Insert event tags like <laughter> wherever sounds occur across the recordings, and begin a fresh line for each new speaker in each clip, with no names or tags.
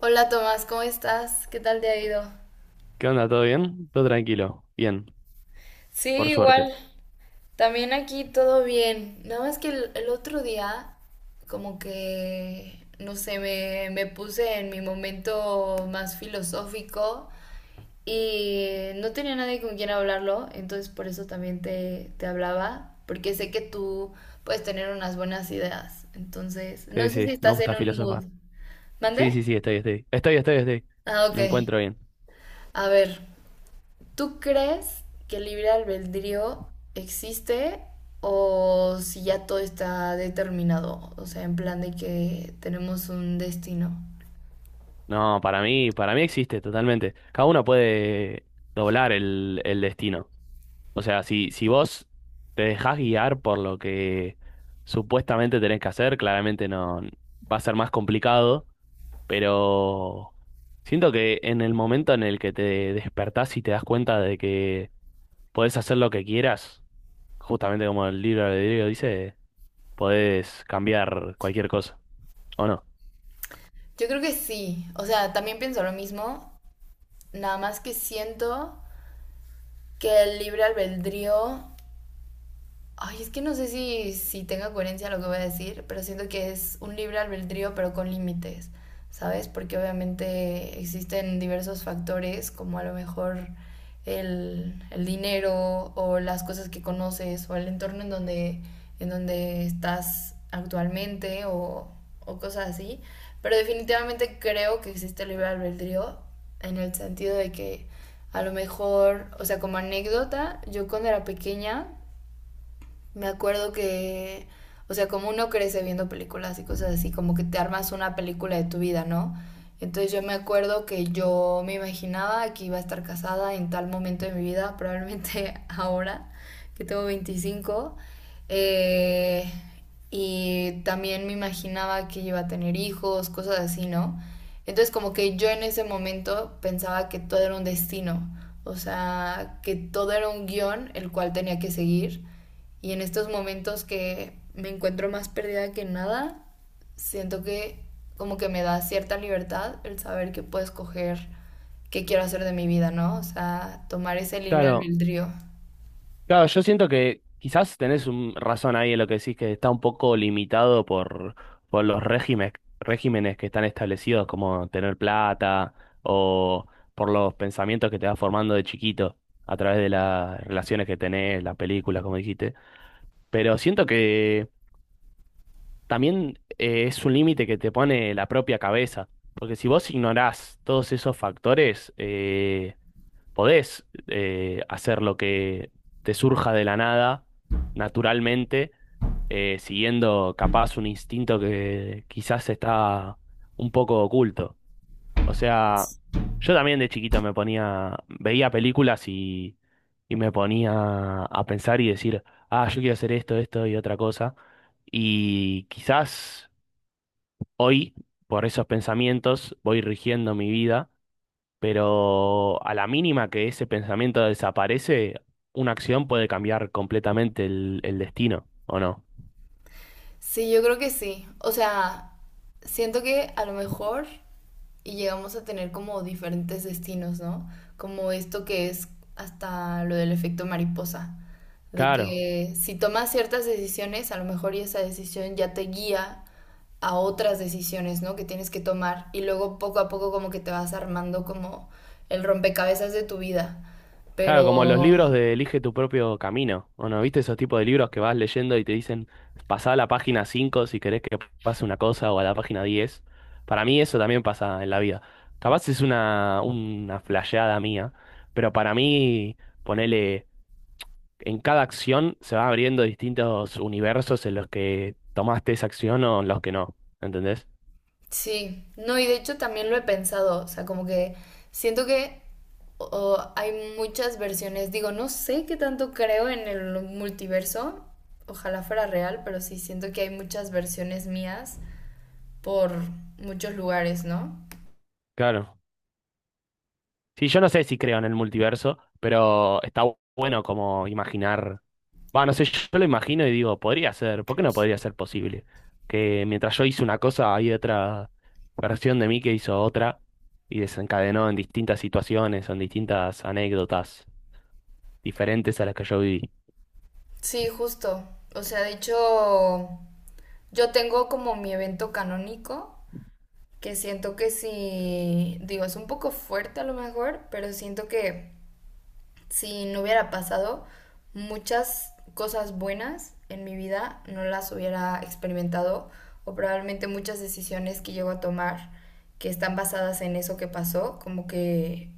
Hola Tomás, ¿cómo estás? ¿Qué tal te ha ido?
¿Qué onda? ¿Todo bien? Todo tranquilo. Bien,
Sí,
por suerte.
igual. También aquí todo bien. Nada más que el otro día, como que, no sé, me puse en mi momento más filosófico y no tenía nadie con quien hablarlo, entonces por eso también te hablaba, porque sé que tú puedes tener unas buenas ideas. Entonces,
Sí,
no sé
sí,
si
me
estás en
gusta
un mood.
filosofar.
¿Mande?
Sí, sí, sí, estoy. Estoy.
Ah, ok.
Me encuentro bien.
A ver. ¿Tú crees que el libre albedrío existe o si ya todo está determinado? O sea, en plan de que tenemos un destino.
No, para mí existe totalmente. Cada uno puede doblar el destino. O sea, si vos te dejás guiar por lo que supuestamente tenés que hacer, claramente no va a ser más complicado, pero siento que en el momento en el que te despertás y te das cuenta de que podés hacer lo que quieras. Justamente como el libro de Diego dice, podés cambiar cualquier cosa, ¿o no?
Yo creo que sí. O sea, también pienso lo mismo. Nada más que siento que el libre albedrío. Ay, es que no sé si, si tenga coherencia lo que voy a decir, pero siento que es un libre albedrío, pero con límites, ¿sabes? Porque obviamente existen diversos factores, como a lo mejor el dinero o las cosas que conoces o el entorno en donde estás actualmente o cosas así. Pero definitivamente creo que existe el libre albedrío en el sentido de que a lo mejor, o sea, como anécdota, yo cuando era pequeña me acuerdo que, o sea, como uno crece viendo películas y cosas así, como que te armas una película de tu vida, ¿no? Entonces yo me acuerdo que yo me imaginaba que iba a estar casada en tal momento de mi vida, probablemente <laughs> ahora, que tengo 25, eh, y también me imaginaba que iba a tener hijos, cosas así, ¿no? Entonces como que yo en ese momento pensaba que todo era un destino, o sea, que todo era un guión el cual tenía que seguir, y en estos momentos que me encuentro más perdida que nada, siento que como que me da cierta libertad el saber que puedo escoger qué quiero hacer de mi vida, ¿no? O sea, tomar ese libre
Claro,
albedrío.
claro, yo siento que quizás tenés un razón ahí en lo que decís que está un poco limitado por los regímenes, regímenes que están establecidos, como tener plata o por los pensamientos que te vas formando de chiquito a través de las relaciones que tenés, las películas, como dijiste. Pero siento que también es un límite que te pone la propia cabeza, porque si vos ignorás todos esos factores, podés hacer lo que te surja de la nada, naturalmente, siguiendo capaz un instinto que quizás está un poco oculto. O sea, yo también de chiquito me ponía, veía películas y me ponía a pensar y decir, ah, yo quiero hacer esto, esto y otra cosa. Y quizás hoy, por esos pensamientos, voy rigiendo mi vida, pero a la mínima que ese pensamiento desaparece, una acción puede cambiar completamente el destino, ¿o no?
Sí, yo creo que sí. O sea, siento que a lo mejor y llegamos a tener como diferentes destinos, ¿no? Como esto que es hasta lo del efecto mariposa, de
Claro,
que si tomas ciertas decisiones, a lo mejor y esa decisión ya te guía a otras decisiones, ¿no? Que tienes que tomar, y luego poco a poco como que te vas armando como el rompecabezas de tu vida.
claro,
Pero
como los libros de Elige tu propio camino, ¿o no? ¿Viste esos tipos de libros que vas leyendo y te dicen, pasá a la página 5 si querés que pase una cosa o a la página diez? Para mí eso también pasa en la vida. Capaz es una flasheada mía, pero para mí, ponele, en cada acción se va abriendo distintos universos en los que tomaste esa acción o en los que no, ¿entendés?
sí, no, y de hecho también lo he pensado, o sea, como que siento que hay muchas versiones, digo, no sé qué tanto creo en el multiverso, ojalá fuera real, pero sí siento que hay muchas versiones mías por muchos lugares, ¿no?
Claro. Sí, yo no sé si creo en el multiverso, pero está bueno como imaginar. Va, no sé, yo lo imagino y digo, podría ser, ¿por qué no podría ser posible? Que mientras yo hice una cosa, hay otra versión de mí que hizo otra y desencadenó en distintas situaciones, o en distintas anécdotas diferentes a las que yo viví.
Sí, justo, o sea, de hecho, yo tengo como mi evento canónico, que siento que sí, digo, es un poco fuerte a lo mejor, pero siento que si no hubiera pasado, muchas cosas buenas en mi vida no las hubiera experimentado, o probablemente muchas decisiones que llego a tomar que están basadas en eso que pasó, como que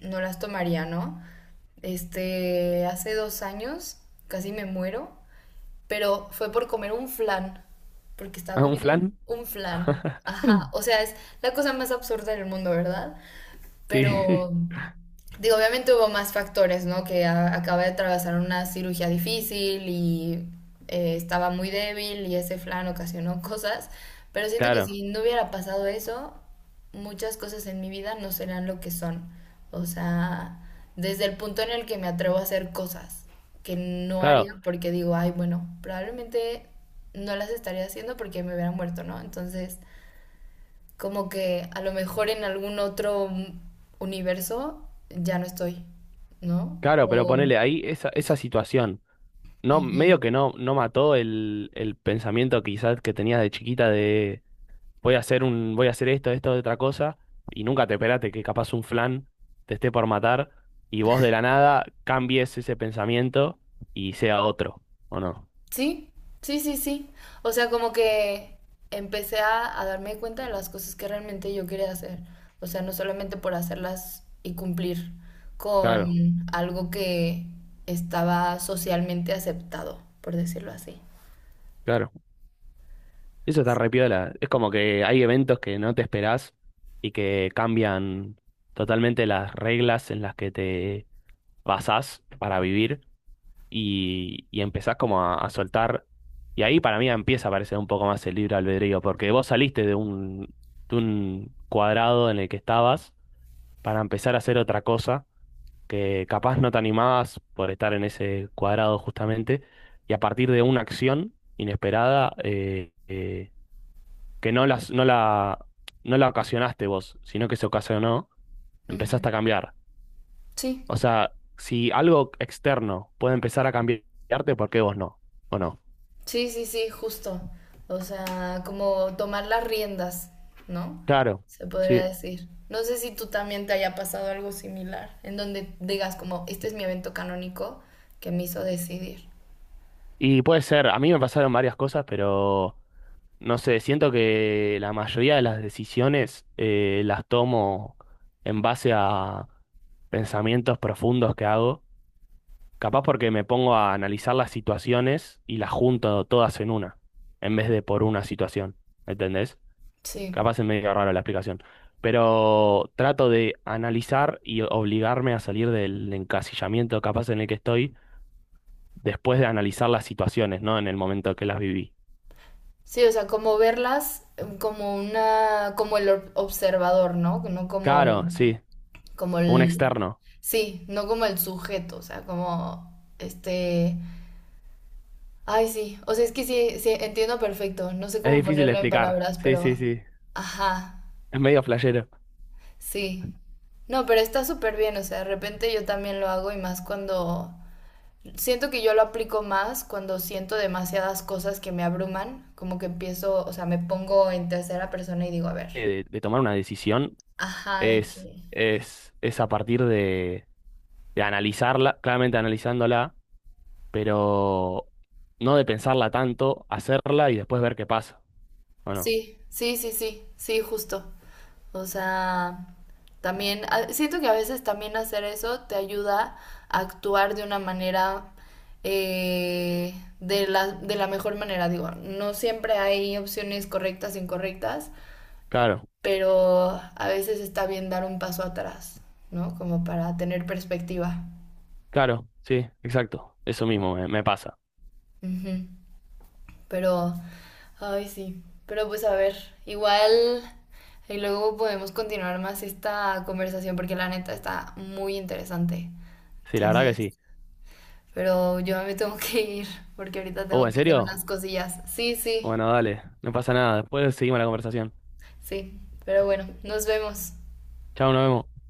no las tomaría, ¿no? Este, hace 2 años casi me muero, pero fue por comer un flan, porque
<laughs>
estaba
¿Ah, un
comiendo
flan?
un flan. Ajá,
<laughs>
o sea, es la cosa más absurda del mundo, ¿verdad?
Sí,
Pero, digo, obviamente hubo más factores, ¿no? Que acaba de atravesar una cirugía difícil, y estaba muy débil y ese flan ocasionó cosas. Pero
<laughs>
siento que
claro,
si no hubiera pasado eso, muchas cosas en mi vida no serían lo que son. O sea, desde el punto en el que me atrevo a hacer cosas que no
claro.
haría porque digo, ay, bueno, probablemente no las estaría haciendo porque me hubiera muerto, ¿no? Entonces, como que a lo mejor en algún otro universo ya no estoy, ¿no?
Claro, pero
O...
ponele ahí esa situación. No,
Ujú.
medio que no, no mató el pensamiento quizás que tenías de chiquita de voy a hacer un, voy a hacer esto, esto, otra cosa, y nunca te esperaste que capaz un flan te esté por matar y vos de la nada cambies ese pensamiento y sea otro, ¿o no?
Sí, sí, sí, sí. O sea, como que empecé a darme cuenta de las cosas que realmente yo quería hacer. O sea, no solamente por hacerlas y cumplir
Claro,
con algo que estaba socialmente aceptado, por decirlo así.
claro. Eso está re piola. Es como que hay eventos que no te esperás y que cambian totalmente las reglas en las que te basás para vivir y empezás como a soltar. Y ahí para mí empieza a aparecer un poco más el libre albedrío, porque vos saliste de de un cuadrado en el que estabas para empezar a hacer otra cosa que capaz no te animabas por estar en ese cuadrado justamente, y a partir de una acción inesperada que no la ocasionaste vos, sino que se ocasionó, empezaste
Ujú.
a cambiar.
Sí.
O sea, si algo externo puede empezar a cambiarte, ¿por qué vos no? ¿O no?
Sí, sí, sí, justo. O sea, como tomar las riendas, ¿no?
Claro,
Se podría
sí.
decir. No sé si tú también te haya pasado algo similar, en donde digas como, este es mi evento canónico que me hizo decidir.
Y puede ser, a mí me pasaron varias cosas, pero no sé, siento que la mayoría de las decisiones las tomo en base a pensamientos profundos que hago, capaz porque me pongo a analizar las situaciones y las junto todas en una, en vez de por una situación, ¿entendés?
Sí.
Capaz es medio raro la explicación, pero trato de analizar y obligarme a salir del encasillamiento capaz en el que estoy después de analizar las situaciones, ¿no? En el momento que las viví.
Sí, o sea, como verlas como una, como el ob- observador, ¿no? No como,
Claro, sí,
como
un
el,
externo.
sí, no como el sujeto, o sea, como este, ay, sí. O sea, es que sí, sí, entiendo perfecto. No sé
Es
cómo
difícil de
ponerlo en
explicar.
palabras,
Sí, sí,
pero...
sí.
Ajá,
Es medio flashero.
sí. No, pero está súper bien. O sea, de repente yo también lo hago y más cuando... Siento que yo lo aplico más cuando siento demasiadas cosas que me abruman. Como que empiezo, o sea, me pongo en tercera persona y digo, a ver.
De tomar una decisión
Ajá, de
es,
que...
es a partir de analizarla, claramente analizándola, pero no de pensarla tanto, hacerla y después ver qué pasa. Bueno,
Sí, sí, sí, sí, sí, justo. O sea, también a- siento que a veces también hacer eso te ayuda a actuar de una manera, eh, de la mejor manera. Digo, no siempre hay opciones correctas e incorrectas,
claro,
pero a veces está bien dar un paso atrás, ¿no? Como para tener perspectiva.
claro, sí, exacto. Eso mismo me, me pasa.
Ujú. Pero, ay, sí. Pero pues a ver, igual y luego podemos continuar más esta conversación porque la neta está muy interesante.
Sí, la verdad que sí.
Entonces, pero yo me tengo que ir porque ahorita
Oh,
tengo
¿en
que hacer unas
serio?
cosillas. Sí, sí,
Bueno, dale, no pasa nada. Después seguimos la conversación.
sí. Pero bueno, nos vemos.
Chao, nos vemos.